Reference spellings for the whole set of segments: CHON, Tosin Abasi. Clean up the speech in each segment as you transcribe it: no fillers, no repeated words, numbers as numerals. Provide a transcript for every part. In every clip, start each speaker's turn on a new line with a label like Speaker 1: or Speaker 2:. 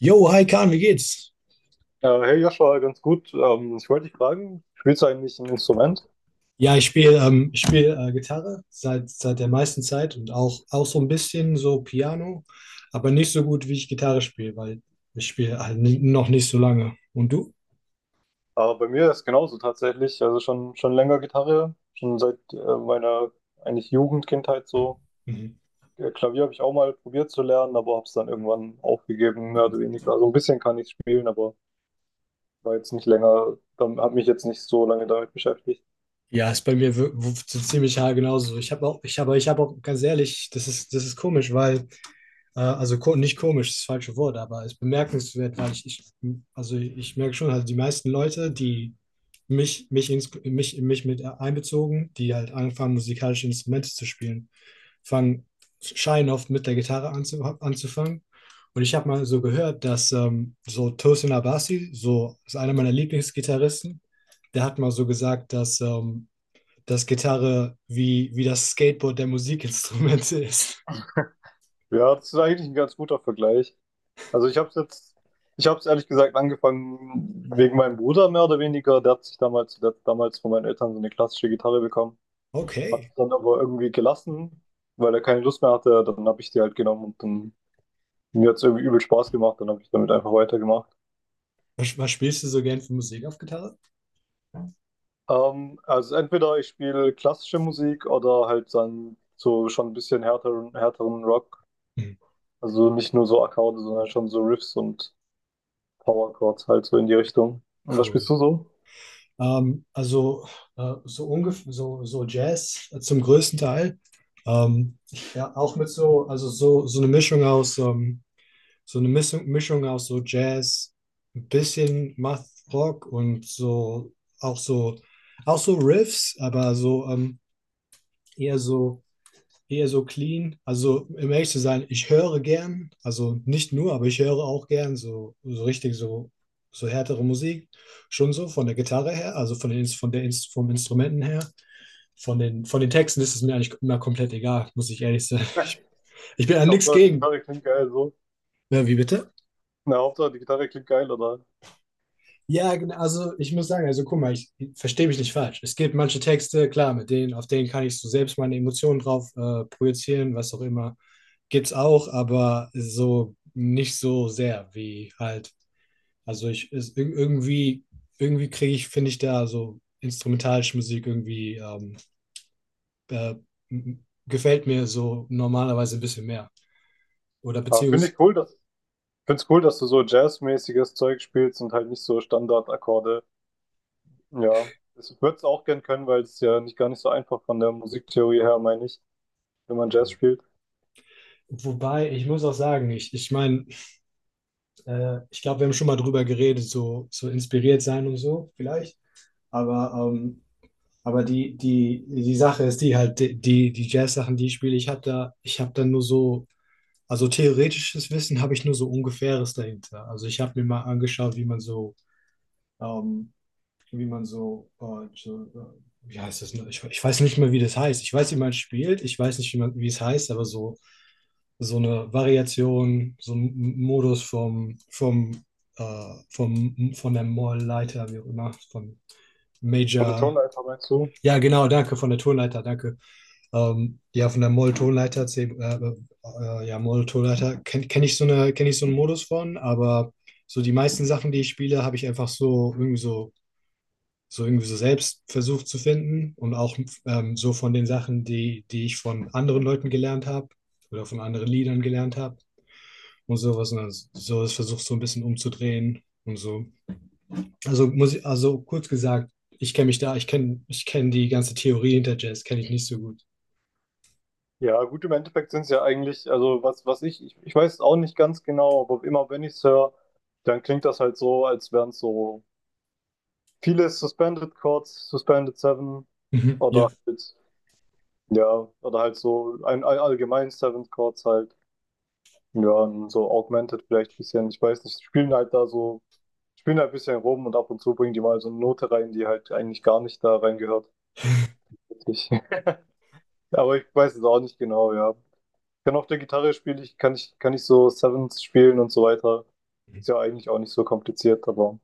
Speaker 1: Jo, hi Kahn, wie geht's?
Speaker 2: Ja, hey Joshua, ganz gut. Ich wollte dich fragen, spielst du eigentlich ein Instrument?
Speaker 1: Ja, ich spiel Gitarre seit der meisten Zeit und auch so ein bisschen so Piano, aber nicht so gut, wie ich Gitarre spiele, weil ich spiele halt noch nicht so lange. Und du?
Speaker 2: Aber bei mir ist genauso tatsächlich. Also schon länger Gitarre, schon seit meiner eigentlich Jugendkindheit so.
Speaker 1: Mhm.
Speaker 2: Klavier habe ich auch mal probiert zu lernen, aber habe es dann irgendwann aufgegeben, mehr oder weniger. Also ein bisschen kann ich spielen, aber war jetzt nicht länger, dann habe mich jetzt nicht so lange damit beschäftigt.
Speaker 1: Ja, ist bei mir so ziemlich haargenau genauso. Ich habe auch ganz ehrlich, das ist komisch, weil. Also nicht komisch, das falsche Wort, aber es ist bemerkenswert, weil ich, also ich merke schon, also die meisten Leute, die mich mit einbezogen, die halt anfangen, musikalische Instrumente zu spielen, fangen, scheinen oft mit der Gitarre anzufangen. Und ich habe mal so gehört, dass so Tosin Abasi, so ist einer meiner Lieblingsgitarristen, der hat mal so gesagt, dass Gitarre wie das Skateboard der Musikinstrumente ist.
Speaker 2: Ja, das ist eigentlich ein ganz guter Vergleich. Also ich habe es ehrlich gesagt angefangen wegen meinem Bruder mehr oder weniger. Der hat damals von meinen Eltern so eine klassische Gitarre bekommen, hat
Speaker 1: Okay.
Speaker 2: es dann aber irgendwie gelassen, weil er keine Lust mehr hatte. Dann habe ich die halt genommen, und dann mir hat es irgendwie übel Spaß gemacht. Dann habe ich damit einfach weitergemacht.
Speaker 1: Was spielst du so gern für Musik auf Gitarre?
Speaker 2: Also entweder ich spiele klassische Musik oder halt dann so schon ein bisschen härteren Rock.
Speaker 1: Hm,
Speaker 2: Also nicht nur so Akkorde, sondern schon so Riffs und Power Chords halt so in die Richtung. Und was
Speaker 1: cool.
Speaker 2: spielst du so?
Speaker 1: Also so ungefähr so Jazz zum größten Teil. Ähm, ja, auch mit so, also so eine Mischung aus so Jazz, ein bisschen Math Rock und so auch so auch so Riffs, aber so eher so eher so clean. Also, um ehrlich zu sein, ich höre gern, also nicht nur, aber ich höre auch gern so richtig so härtere Musik. Schon so von der Gitarre her, also von den, Ins- von der, Ins- vom Instrumenten her. Von den Texten ist es mir eigentlich immer komplett egal, muss ich ehrlich sein. Ich bin an nichts
Speaker 2: Hauptsache die
Speaker 1: gegen.
Speaker 2: Gitarre klingt geil so.
Speaker 1: Ja, wie bitte?
Speaker 2: Na, Hauptsache, die Gitarre klingt geil, oder?
Speaker 1: Ja, genau, also ich muss sagen, also guck mal, ich verstehe mich nicht falsch. Es gibt manche Texte, klar, mit denen, auf denen kann ich so selbst meine Emotionen drauf projizieren, was auch immer. Gibt's auch, aber so nicht so sehr wie halt. Also ich ist, ir- irgendwie, irgendwie kriege ich, finde ich da so instrumentalische Musik irgendwie äh, gefällt mir so normalerweise ein bisschen mehr. Oder
Speaker 2: Aber finde
Speaker 1: beziehungsweise,
Speaker 2: ich cool, dass, find's cool, dass du so jazzmäßiges Zeug spielst und halt nicht so Standardakkorde. Ja, ich würde es auch gern können, weil es ist ja nicht gar nicht so einfach von der Musiktheorie her, meine ich, wenn man Jazz spielt.
Speaker 1: wobei, ich muss auch sagen, ich meine, ich glaube, wir haben schon mal drüber geredet, so inspiriert sein und so, vielleicht. Aber, ähm, aber die Sache ist die halt, die die Jazz-Sachen, die ich spiele, ich habe da nur so. Also theoretisches Wissen habe ich nur so ungefähres dahinter. Also ich habe mir mal angeschaut, wie man so, ähm, wie man so, äh, so äh, wie heißt das? Ne? Ich weiß nicht mehr, wie das heißt. Ich weiß, wie man spielt. Ich weiß nicht, wie es heißt, aber so eine Variation, so ein Modus vom von der Moll-Leiter, wie auch immer, von
Speaker 2: Von der
Speaker 1: Major.
Speaker 2: Tonleiter meinst du?
Speaker 1: Ja, genau, danke von der Tonleiter. Danke. Ja, von der Moll-Tonleiter, ja, Moll-Tonleiter kenn ich so eine, kenne ich so einen Modus von, aber so die meisten Sachen, die ich spiele, habe ich einfach so irgendwie so selbst versucht zu finden und auch so von den Sachen, die ich von anderen Leuten gelernt habe oder von anderen Liedern gelernt habe und sowas. Und dann so das versucht so ein bisschen umzudrehen und so. Also kurz gesagt, ich kenne die ganze Theorie hinter Jazz, kenne ich nicht so gut.
Speaker 2: Ja, gut, im Endeffekt sind es ja eigentlich, also ich weiß es auch nicht ganz genau, aber immer wenn ich es höre, dann klingt das halt so, als wären es so viele Suspended Chords, Suspended Seven
Speaker 1: Mhm. Ja.
Speaker 2: oder halt. Ja, oder halt so ein allgemein Seventh Chords halt. Ja, und so Augmented vielleicht ein bisschen. Ich weiß nicht, spielen halt ein bisschen rum und ab und zu bringen die mal so eine Note rein, die halt eigentlich gar nicht da reingehört. Ich, aber ich weiß es auch nicht genau, ja. Ich kann auf der Gitarre spielen, ich kann ich, kann ich so Sevenths spielen und so weiter. Ist ja eigentlich auch nicht so kompliziert, aber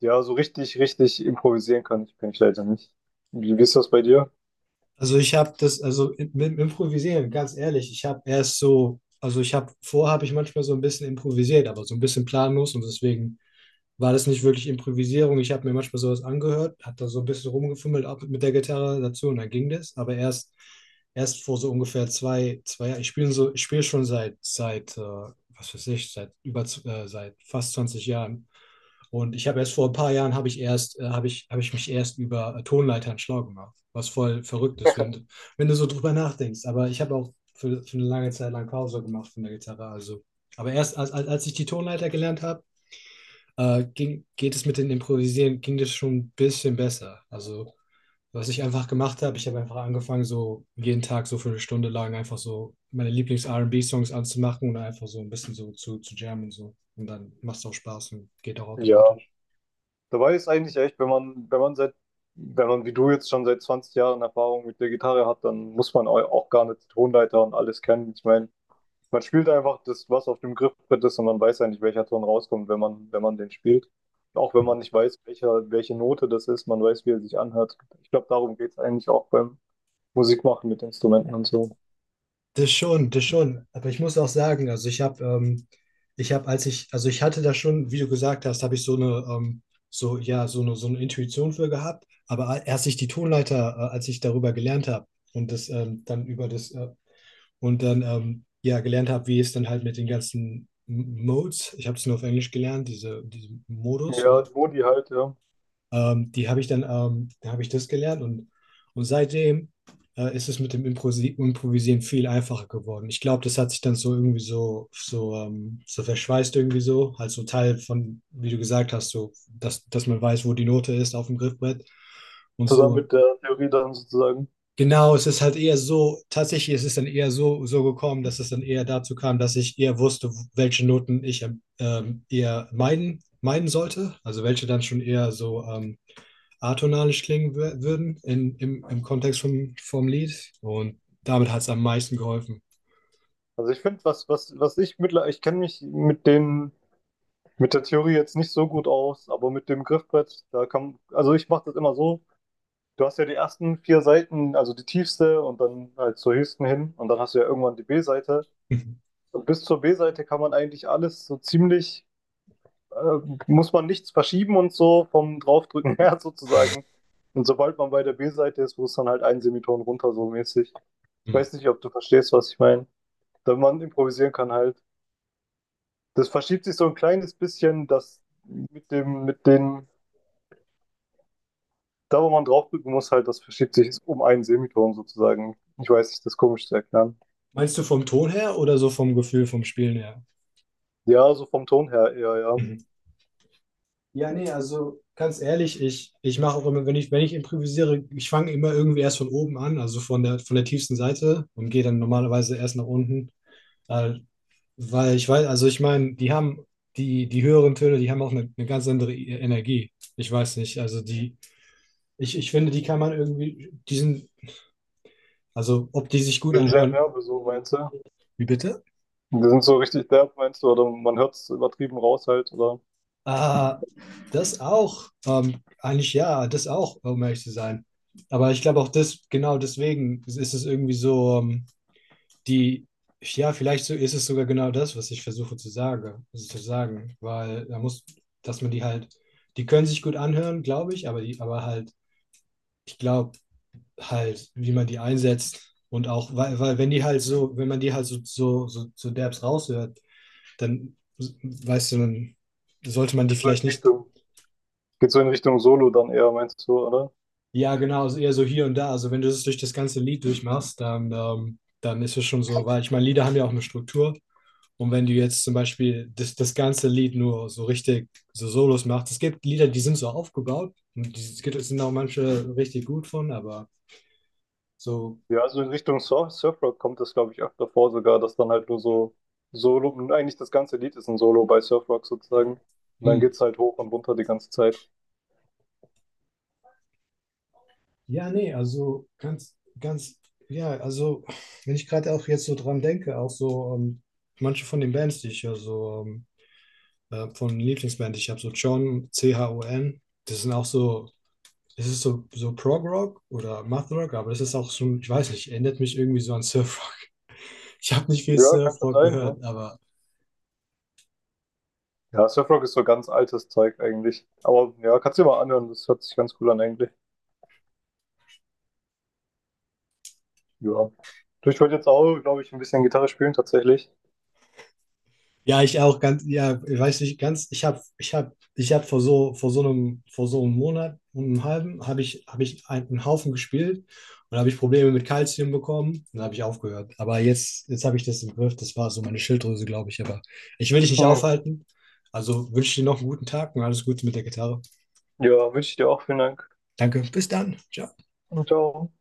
Speaker 2: ja, so richtig improvisieren kann ich leider nicht. Wie ist das bei dir?
Speaker 1: Also mit dem Improvisieren, ganz ehrlich, ich habe erst so, also ich habe, vorher habe ich manchmal so ein bisschen improvisiert, aber so ein bisschen planlos und deswegen war das nicht wirklich Improvisierung. Ich habe mir manchmal sowas angehört, hat da so ein bisschen rumgefummelt auch mit der Gitarre dazu und dann ging das, aber erst vor so ungefähr zwei Jahren, ich spiele schon seit was weiß ich, seit fast 20 Jahren. Und ich habe erst vor ein paar Jahren habe ich mich erst über Tonleitern schlau gemacht, was voll verrückt ist, wenn du so drüber nachdenkst. Aber ich habe auch für eine lange Zeit lang Pause gemacht von der Gitarre. Also. Aber erst als ich die Tonleiter gelernt habe, ging, geht es mit dem Improvisieren, ging das schon ein bisschen besser. Also, was ich einfach gemacht habe, ich habe einfach angefangen, so jeden Tag so für eine Stunde lang einfach so meine Lieblings-R&B-Songs anzumachen und einfach so ein bisschen so zu jammen und so. Und dann macht es auch Spaß und geht auch
Speaker 2: Ja.
Speaker 1: automatisch.
Speaker 2: Dabei ist eigentlich echt, wenn man wie du jetzt schon seit 20 Jahren Erfahrung mit der Gitarre hat, dann muss man auch gar nicht die Tonleiter und alles kennen. Ich meine, man spielt einfach das, was auf dem Griffbrett ist, und man weiß eigentlich, welcher Ton rauskommt, wenn man den spielt. Auch wenn man nicht weiß, welche Note das ist, man weiß, wie er sich anhört. Ich glaube, darum geht es eigentlich auch beim Musikmachen mit Instrumenten und so.
Speaker 1: Das schon, das schon. Aber ich muss auch sagen, also ich habe, als ich, also ich hatte da schon, wie du gesagt hast, habe ich so eine, so, ja, so eine Intuition für gehabt. Aber a- erst ich die Tonleiter, als ich darüber gelernt habe und das dann über das, und dann ja, gelernt habe, wie es dann halt mit den ganzen Modes, ich habe es nur auf Englisch gelernt, diese Modus
Speaker 2: Ja,
Speaker 1: oder
Speaker 2: die Modi halt, ja.
Speaker 1: die habe ich dann, da habe ich das gelernt und seitdem ist es mit dem Improsi Improvisieren viel einfacher geworden. Ich glaube, das hat sich dann so irgendwie so verschweißt irgendwie so, halt so Teil von, wie du gesagt hast, so, dass man weiß, wo die Note ist auf dem Griffbrett und
Speaker 2: Zusammen
Speaker 1: so.
Speaker 2: mit der Theorie dann sozusagen.
Speaker 1: Genau, es ist halt eher so, tatsächlich ist es dann eher so gekommen, dass es dann eher dazu kam, dass ich eher wusste, welche Noten ich eher meiden sollte. Also welche dann schon eher so atonalisch klingen würden im Kontext vom Lied. Und damit hat es am meisten geholfen.
Speaker 2: Also ich finde, ich kenne mich mit den. Mit der Theorie jetzt nicht so gut aus, aber mit dem Griffbrett, da kann, also ich mache das immer so. Du hast ja die ersten vier Seiten, also die tiefste und dann halt zur höchsten hin, und dann hast du ja irgendwann die B-Seite. Und bis zur B-Seite kann man eigentlich alles so ziemlich, äh, muss man nichts verschieben und so vom Draufdrücken her sozusagen. Und sobald man bei der B-Seite ist, muss dann halt ein Semiton runter so mäßig. Ich
Speaker 1: Hm.
Speaker 2: weiß nicht, ob du verstehst, was ich meine. Da man improvisieren kann halt. Das verschiebt sich so ein kleines bisschen, dass mit mit den. Da, wo man draufdrücken muss, halt, das verschiebt sich um einen Semiton sozusagen. Ich weiß nicht, das ist komisch zu erklären.
Speaker 1: Meinst du vom Ton her oder so vom Gefühl, vom Spielen her?
Speaker 2: Ja, so vom Ton her eher, ja.
Speaker 1: Mhm. Ja, nee, also ganz ehrlich, ich mache auch immer, wenn ich improvisiere, ich fange immer irgendwie erst von oben an, also von der tiefsten Seite und gehe dann normalerweise erst nach unten. Da Weil ich weiß, also ich meine, die höheren Töne, die haben auch eine ganz andere Energie. Ich weiß nicht. Ich finde, die kann man irgendwie, die sind, also ob die sich gut
Speaker 2: Die sind sehr
Speaker 1: anhören.
Speaker 2: derbe, so meinst du?
Speaker 1: Wie bitte?
Speaker 2: Die sind so richtig derb, meinst du? Oder man hört es übertrieben raus halt, oder?
Speaker 1: Ah, das auch. Eigentlich ja, das auch, um ehrlich zu sein. Aber ich glaube auch das, genau deswegen ist es irgendwie so, die, ja, vielleicht so ist es sogar genau das, was ich versuche zu sagen. Weil da muss, dass man die halt, die können sich gut anhören, glaube ich, aber halt ich glaube halt, wie man die einsetzt und auch, weil wenn man die halt so derbs raushört, dann weißt du, dann sollte man die
Speaker 2: Geht so in
Speaker 1: vielleicht nicht.
Speaker 2: Richtung, geht so in Richtung Solo dann eher, meinst du, oder?
Speaker 1: Ja, genau, also eher so hier und da, also wenn du das durch das ganze Lied durchmachst, dann ist es schon so, weil ich meine, Lieder haben ja auch eine Struktur und wenn du jetzt zum Beispiel das ganze Lied nur so richtig so Solos machst, es gibt Lieder, die sind so aufgebaut und es sind auch manche richtig gut von, aber so.
Speaker 2: Ja, also in Richtung Surfrock kommt das, glaube ich, öfter vor sogar, dass dann halt nur so Solo, und eigentlich das ganze Lied ist ein Solo bei Surfrock sozusagen. Und dann
Speaker 1: Hm.
Speaker 2: geht's halt hoch und runter die ganze Zeit.
Speaker 1: Ja, nee, also ganz, ganz, ja, also wenn ich gerade auch jetzt so dran denke, auch so manche von den Bands, die ich höre, so von Lieblingsband, ich habe so John, CHON, das sind auch so, es ist so Prog-Rock oder Math-Rock, aber das ist auch schon, ich weiß nicht, erinnert mich irgendwie so an Surf-Rock. Ich habe nicht viel
Speaker 2: Ja, kann schon
Speaker 1: Surf-Rock
Speaker 2: sein, ne?
Speaker 1: gehört, aber.
Speaker 2: Ja, Surfrock ist so ganz altes Zeug eigentlich. Aber ja, kannst du dir mal anhören, das hört sich ganz cool an eigentlich. Ja. Du, ich wollte jetzt auch, glaube ich, ein bisschen Gitarre spielen tatsächlich.
Speaker 1: Ja, ich auch ganz, ja, ich weiß nicht ganz, ich habe vor so einem Monat und einem halben habe ich einen Haufen gespielt und habe ich Probleme mit Kalzium bekommen und habe ich aufgehört. Aber jetzt habe ich das im Griff, das war so meine Schilddrüse, glaube ich. Aber ich will dich nicht
Speaker 2: Hm.
Speaker 1: aufhalten. Also wünsche dir noch einen guten Tag und alles Gute mit der Gitarre.
Speaker 2: Ja, wünsche ich dir auch. Vielen Dank.
Speaker 1: Danke, bis dann. Ciao.
Speaker 2: Und ciao.